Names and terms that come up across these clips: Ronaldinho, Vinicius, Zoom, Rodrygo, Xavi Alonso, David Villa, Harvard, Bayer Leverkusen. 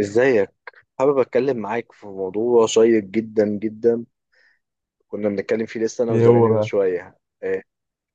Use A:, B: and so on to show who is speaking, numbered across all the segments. A: ازيك؟ حابب اتكلم معاك في موضوع شيق جدا. كنا بنتكلم فيه لسه انا
B: ايه هو
A: وزمايلي من
B: بقى؟
A: شويه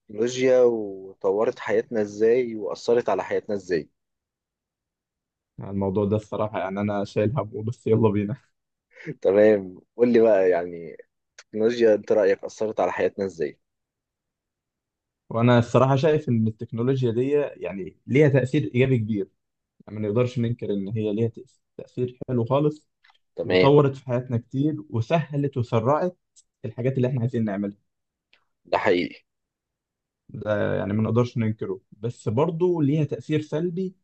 A: التكنولوجيا وطورت حياتنا ازاي واثرت على حياتنا ازاي.
B: يعني الموضوع ده الصراحة، يعني انا شايل همه، بس يلا بينا.
A: تمام، قول لي بقى يعني التكنولوجيا انت رايك اثرت على حياتنا ازاي؟
B: وانا الصراحة شايف ان التكنولوجيا دي يعني ليها تأثير ايجابي كبير، يعني ما نقدرش ننكر ان هي ليها تأثير حلو خالص،
A: تمام.
B: وطورت في حياتنا كتير، وسهلت وسرعت الحاجات اللي احنا عايزين نعملها.
A: ده حقيقي.
B: ده يعني ما نقدرش ننكره، بس برضه ليها تأثير سلبي،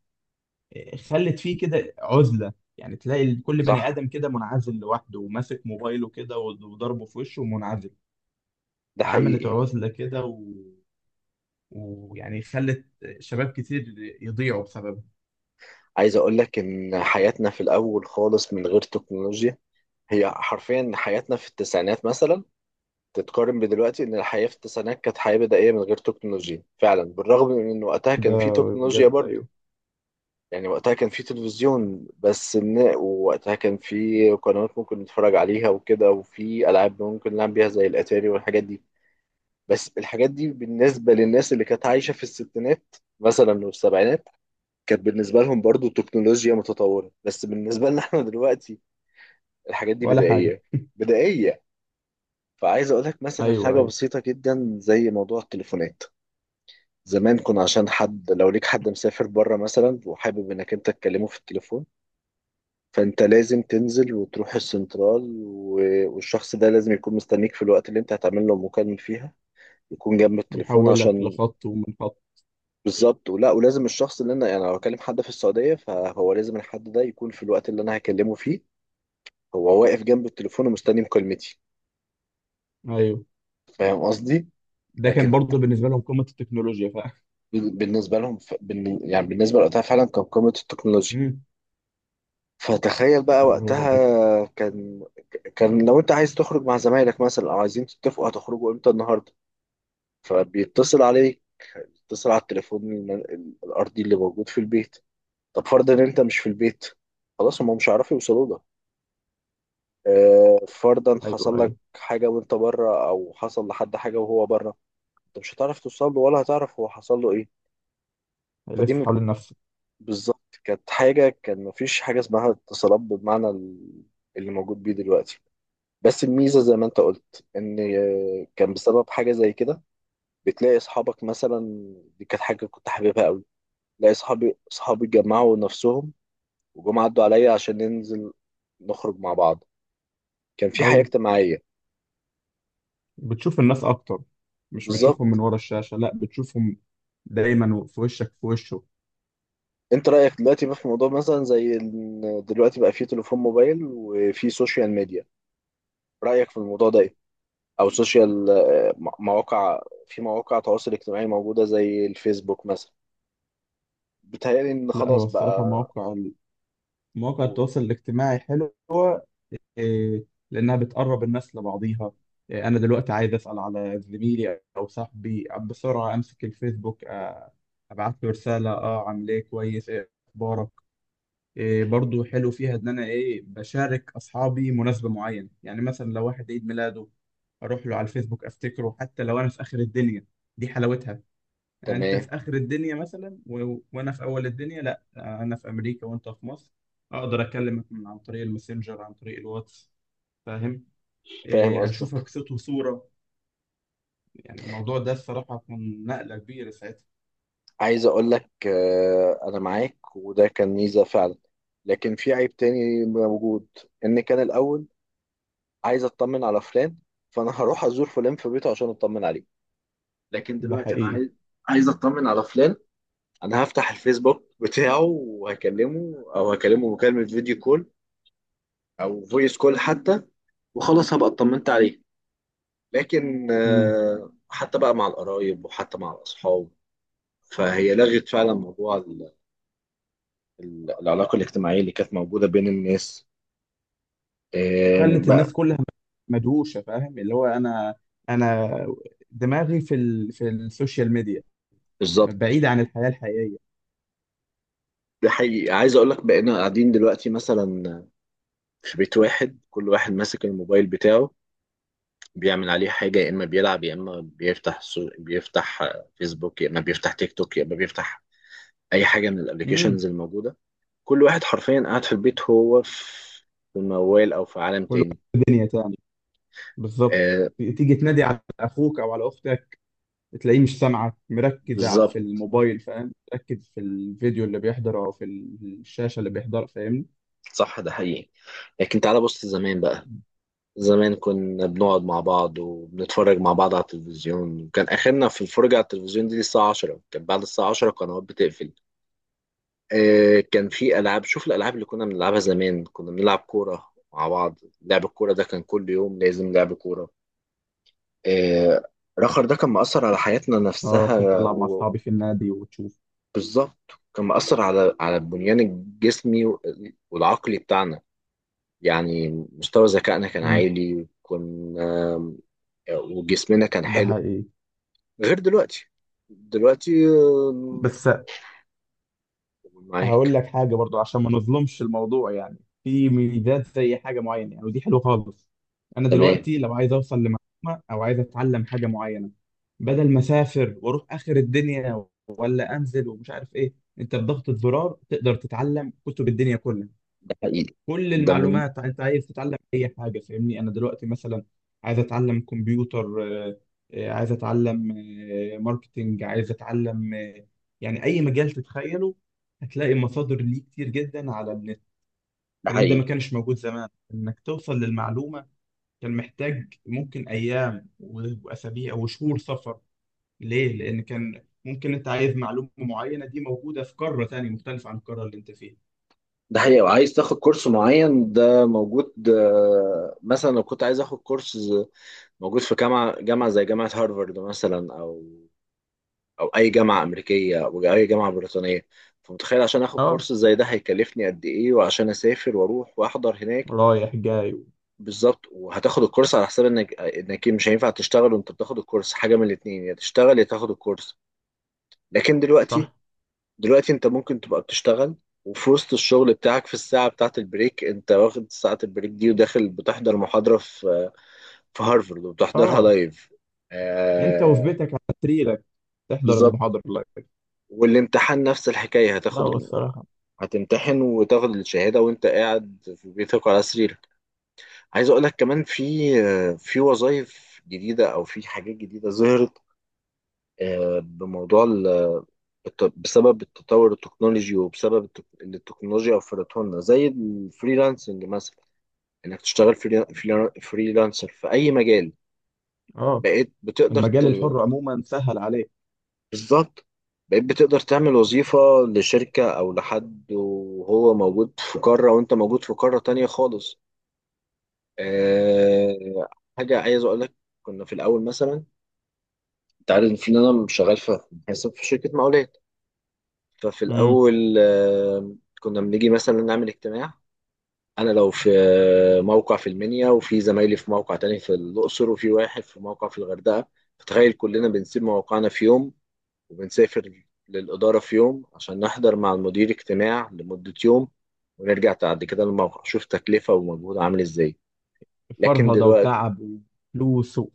B: إيه، خلت فيه كده عزلة، يعني تلاقي كل بني
A: صح،
B: آدم كده منعزل لوحده وماسك موبايله كده وضربه في وشه ومنعزل.
A: ده
B: فعملت
A: حقيقي.
B: عزلة كده، ويعني خلت شباب كتير يضيعوا بسببها.
A: عايز اقول لك ان حياتنا في الاول خالص من غير تكنولوجيا، هي حرفيا حياتنا في التسعينات مثلا تتقارن بدلوقتي، ان الحياه في التسعينات كانت حياه بدائيه من غير تكنولوجيا فعلا، بالرغم من ان وقتها
B: ده
A: كان في تكنولوجيا
B: بجد،
A: برضه.
B: ايوه.
A: يعني وقتها كان في تلفزيون بس، إن ووقتها كان في قنوات ممكن نتفرج عليها وكده، وفي العاب ممكن نلعب بيها زي الاتاري والحاجات دي. بس الحاجات دي بالنسبه للناس اللي كانت عايشه في الستينات مثلا والسبعينات كانت بالنسبه لهم برضه تكنولوجيا متطوره، بس بالنسبه لنا احنا دلوقتي الحاجات دي
B: ولا حاجه.
A: بدائيه. بدائيه. فعايز اقول لك مثلا
B: ايوه
A: حاجه
B: ايوه.
A: بسيطه جدا زي موضوع التليفونات. زمان كنا عشان حد، لو ليك حد مسافر بره مثلا وحابب انك انت تكلمه في التليفون، فانت لازم تنزل وتروح السنترال، والشخص ده لازم يكون مستنيك في الوقت اللي انت هتعمل له مكالمة فيها، يكون جنب التليفون
B: ويحولك
A: عشان.
B: لخط ومن خط.
A: بالظبط. ولا ولازم الشخص اللي انا يعني لو هكلم حد في السعودية فهو لازم الحد ده يكون في الوقت اللي انا هكلمه فيه هو واقف جنب التليفون ومستني مكالمتي.
B: ايوه،
A: فاهم قصدي؟
B: ده كان
A: لكن
B: برضه
A: ت-
B: بالنسبه لهم قمه التكنولوجيا، فاهم.
A: بالنسبة لهم يعني بالنسبة لوقتها فعلا كان قمة التكنولوجيا.
B: مم.
A: فتخيل بقى
B: اللي هو بس.
A: وقتها كان، كان لو انت عايز تخرج مع زمايلك مثلا او عايزين تتفقوا هتخرجوا امتى النهارده، فبيتصل عليك، بيتصل على التليفون الارضي اللي موجود في البيت. طب فرضا ان انت مش في البيت، خلاص هم مش هيعرفوا يوصلوا لك. فرضا
B: ايوه
A: حصل لك
B: ايوه.
A: حاجه وانت بره او حصل لحد حاجه وهو بره، انت مش هتعرف توصل له ولا هتعرف هو حصل له ايه. فدي
B: يلف
A: م-
B: حوالين نفسه.
A: بالظبط، كانت حاجه، كان مفيش حاجه اسمها اتصالات بالمعنى اللي موجود بيه دلوقتي. بس الميزة زي ما انت قلت ان كان بسبب حاجة زي كده بتلاقي اصحابك مثلا، دي كانت حاجة كنت حاببها قوي، تلاقي اصحابي جمعوا نفسهم وجم عدوا عليا عشان ننزل نخرج مع بعض. كان في حياة
B: ايوه،
A: اجتماعية.
B: بتشوف الناس اكتر، مش بتشوفهم من
A: بالظبط.
B: ورا الشاشه، لا بتشوفهم دايما في وشك في وشه.
A: انت رأيك دلوقتي بقى في موضوع مثلا زي ان دلوقتي بقى في تليفون موبايل وفي سوشيال ميديا، رأيك في الموضوع ده ايه؟ او سوشيال، مواقع، في مواقع تواصل اجتماعي موجودة زي الفيسبوك مثلا، بيتهيألي ان
B: لا هو
A: خلاص
B: الصراحه،
A: بقى.
B: مواقع التواصل الاجتماعي حلو، إيه، لانها بتقرب الناس لبعضيها. إيه، انا دلوقتي عايز اسال على زميلي او صاحبي بسرعه، امسك الفيسبوك، ابعت له رساله، اه عامل ايه، كويس، ايه اخبارك. إيه برضو حلو فيها ان انا ايه بشارك اصحابي مناسبه معينه، يعني مثلا لو واحد عيد ميلاده اروح له على الفيسبوك افتكره، حتى لو انا في اخر الدنيا، دي حلاوتها. يعني انت
A: تمام.
B: في اخر الدنيا مثلا، و... وانا في اول الدنيا، لا، انا في امريكا وانت في مصر، اقدر اكلمك من عن طريق الماسنجر، عن طريق الواتس، فاهم،
A: فاهم
B: إيه،
A: قصدك.
B: اشوفك صوت وصوره. يعني الموضوع ده الصراحه كان نقله كبيره ساعتها.
A: عايز اقول لك انا معاك، وده كان ميزه فعلا، لكن في عيب تاني موجود، ان كان الاول عايز اطمن على فلان فانا هروح ازور فلان في بيته عشان اطمن عليه، لكن
B: ده
A: دلوقتي انا
B: حقيقي.
A: عايز، عايز اطمن على فلان انا هفتح الفيسبوك بتاعه وهكلمه، او هكلمه مكالمه فيديو كول او فويس كول حتى، وخلاص هبقى اطمنت عليه. لكن
B: امم
A: حتى بقى مع القرايب وحتى مع الاصحاب فهي لغت فعلا موضوع العلاقة الاجتماعية اللي كانت موجودة بين الناس
B: وخلت الناس
A: بقى.
B: كلها مدهوشه، فاهم، اللي هو انا، انا دماغي في السوشيال ميديا،
A: بالظبط.
B: بعيد عن الحياه الحقيقيه.
A: ده حقيقي، عايز اقول لك بقينا قاعدين دلوقتي مثلا في بيت واحد كل واحد ماسك الموبايل بتاعه بيعمل عليه حاجة، يا اما بيلعب يا اما بيفتح بيفتح فيسبوك، يا اما بيفتح تيك توك، يا اما بيفتح اي حاجة من
B: امم
A: الابليكيشنز الموجودة. كل واحد حرفيا قاعد في البيت هو في في الموال او في عالم
B: كل واحد
A: تاني.
B: في دنيا تاني، بالظبط.
A: آه،
B: تيجي تنادي على اخوك او على اختك، تلاقيه مش سامعك، مركز على
A: بالظبط.
B: في الموبايل، فاهم، مركز في الفيديو اللي بيحضره او في الشاشه اللي بيحضرها، فاهمني.
A: صح، ده حقيقي. لكن تعالى بص زمان بقى، زمان كنا بنقعد مع بعض وبنتفرج مع بعض على التلفزيون، وكان آخرنا في الفرجة على التلفزيون دي الساعة 10، كان بعد الساعة 10 القنوات بتقفل. آه، كان في ألعاب، شوف الألعاب اللي كنا بنلعبها زمان، كنا بنلعب كورة مع بعض، لعب الكورة ده كان كل يوم لازم لعب كورة. آه، رخر ده كان مأثر على حياتنا
B: اه،
A: نفسها،
B: كنت العب مع اصحابي في النادي وتشوف.
A: بالظبط، كان مأثر على على البنيان الجسمي والعقلي بتاعنا. يعني مستوى ذكائنا كان عالي وكنا، وجسمنا كان
B: ده
A: حلو،
B: حقيقي.
A: غير دلوقتي. دلوقتي
B: بس هقول
A: معاك.
B: لك حاجة برضو عشان ما نظلمش الموضوع، يعني في ميزات زي حاجة معينة يعني، ودي حلوة خالص. أنا
A: تمام،
B: دلوقتي لو عايز أوصل لمعلومة أو عايز أتعلم حاجة معينة، بدل ما أسافر وأروح آخر الدنيا ولا أنزل ومش عارف إيه، أنت بضغطة زرار تقدر تتعلم كتب الدنيا كلها.
A: ده حقيقي.
B: كل
A: ده من،
B: المعلومات، انت عايز تتعلم اي حاجه، فاهمني، انا دلوقتي مثلا عايز اتعلم كمبيوتر، عايز اتعلم ماركتينج، عايز اتعلم يعني اي مجال تتخيله هتلاقي مصادر ليه كتير جدا على النت.
A: ده
B: الكلام ده
A: حقيقي.
B: ما كانش موجود زمان، انك توصل للمعلومه كان محتاج ممكن ايام و- واسابيع وشهور سفر، ليه؟ لان كان ممكن انت عايز معلومه معينه دي موجوده في قاره تانية مختلفه عن القاره اللي انت فيها.
A: ده حقيقي، وعايز تاخد كورس معين ده موجود، مثلا لو كنت عايز اخد موجود في جامعة زي جامعة هارفارد مثلا، أو أو أي جامعة أمريكية أو أي جامعة بريطانية. فمتخيل عشان آخد
B: اه،
A: كورس زي ده هيكلفني قد إيه، وعشان أسافر وأروح وأحضر هناك.
B: رايح جاي.
A: بالظبط، وهتاخد الكورس على حساب إنك مش هينفع تشتغل وأنت بتاخد الكورس، حاجة من الاتنين يا تشتغل يا تاخد الكورس. لكن دلوقتي،
B: صح.
A: دلوقتي انت ممكن تبقى بتشتغل وفي وسط الشغل بتاعك في الساعة بتاعة البريك انت واخد ساعة البريك دي وداخل بتحضر محاضرة في في هارفرد وبتحضرها
B: اه،
A: لايف.
B: انت وفي
A: آه.
B: بيتك على سريرك تحضر
A: بالظبط.
B: المحاضرة لايف.
A: والامتحان نفس الحكاية،
B: لا هو الصراحة.
A: هتمتحن وتاخد الشهادة وانت قاعد في بيتك على سريرك. عايز اقول لك كمان في في وظائف جديدة او في حاجات جديدة ظهرت بموضوع بسبب التطور التكنولوجي، وبسبب التك- اللي التكنولوجيا وفرته لنا زي الفريلانسنج مثلا، انك تشتغل فريلانسر في اي مجال.
B: اه،
A: بقيت بتقدر
B: المجال
A: ت-
B: الحر عموما سهل عليك.
A: بالظبط. بقيت بتقدر تعمل وظيفة لشركة او لحد وهو موجود في قارة وانت موجود في قارة تانية خالص. أه. حاجة عايز اقول لك، كنا في الاول مثلا، انت عارف ان انا شغال في حساب في شركة مقاولات، ففي
B: امم
A: الاول كنا بنيجي مثلا نعمل اجتماع. انا لو في موقع في المنيا، وفي زمايلي في موقع تاني في الاقصر، وفي واحد في موقع في الغردقه، فتخيل كلنا بنسيب موقعنا في يوم وبنسافر للاداره في يوم عشان نحضر مع المدير اجتماع لمده يوم، ونرجع بعد كده للموقع. شوف تكلفه ومجهود عامل ازاي. لكن
B: فرهدة
A: دلوقتي،
B: وتعب وفلوس و-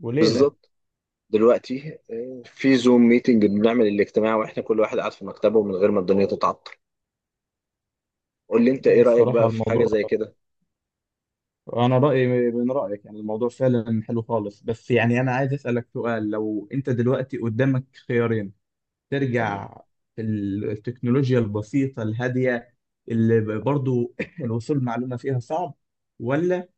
B: وليلة.
A: بالظبط، دلوقتي في زوم ميتنج بنعمل الاجتماع واحنا كل واحد قاعد في مكتبه من غير ما الدنيا تتعطل. قول لي انت
B: لا
A: ايه رايك
B: الصراحة
A: بقى في حاجه
B: الموضوع،
A: زي كده؟
B: أنا رأيي من رأيك، يعني الموضوع فعلا حلو خالص، بس يعني أنا عايز أسألك سؤال، لو أنت دلوقتي قدامك خيارين،
A: تمام.
B: ترجع في التكنولوجيا البسيطة الهادية اللي برضو الوصول معلومة فيها صعب، ولا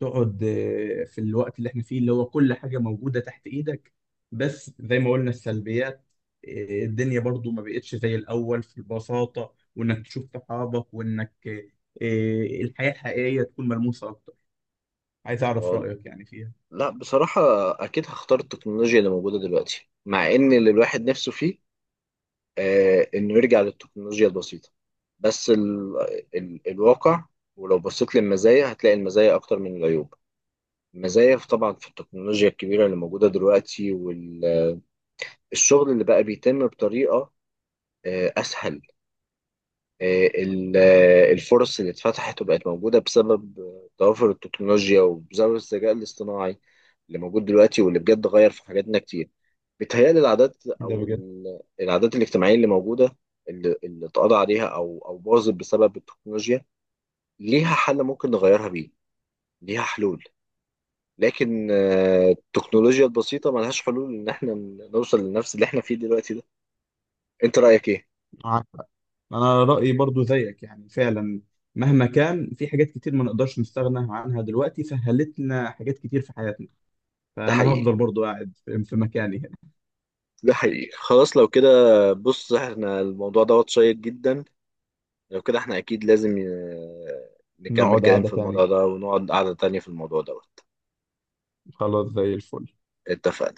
B: تقعد في الوقت اللي احنا فيه اللي هو كل حاجة موجودة تحت ايدك، بس زي ما قلنا السلبيات، الدنيا برضو ما بقتش زي الأول في البساطة، وإنك تشوف صحابك، وإنك الحياة الحقيقية تكون ملموسة أكتر، عايز أعرف رأيك يعني فيها.
A: لا، بصراحة أكيد هختار التكنولوجيا اللي موجودة دلوقتي، مع إن اللي الواحد نفسه فيه آه إنه يرجع للتكنولوجيا البسيطة، بس ال الواقع، ولو بصيت للمزايا هتلاقي المزايا أكتر من العيوب. المزايا طبعا في التكنولوجيا الكبيرة اللي موجودة دلوقتي، والشغل اللي بقى بيتم بطريقة آه أسهل، ال- الفرص اللي اتفتحت وبقت موجودة بسبب توافر التكنولوجيا وبسبب الذكاء الاصطناعي اللي موجود دلوقتي واللي بجد غير في حاجاتنا كتير. بيتهيألي العادات
B: ده
A: أو
B: بجد.
A: العادات الاجتماعية اللي موجودة اللي اتقضى عليها أو أو باظت بسبب التكنولوجيا ليها حل ممكن نغيرها بيه، ليها حلول. لكن التكنولوجيا البسيطة ملهاش حلول إن احنا نوصل لنفس اللي احنا فيه دلوقتي ده. أنت رأيك إيه؟
B: معاك حق. أنا رأيي برضو زيك، يعني فعلا مهما كان، في حاجات كتير ما نقدرش نستغنى عنها دلوقتي، سهلت لنا حاجات كتير في حياتنا،
A: ده
B: فأنا
A: حقيقي.
B: هفضل برضو قاعد في مكاني هنا.
A: ده حقيقي، خلاص لو كده. بص احنا الموضوع دوت شيق جدا، لو كده احنا اكيد لازم نكمل
B: نقعد
A: كلام
B: قعدة
A: في
B: تانية،
A: الموضوع ده، ونقعد قعدة تانية في الموضوع دوت.
B: خلاص زي الفل.
A: اتفقنا.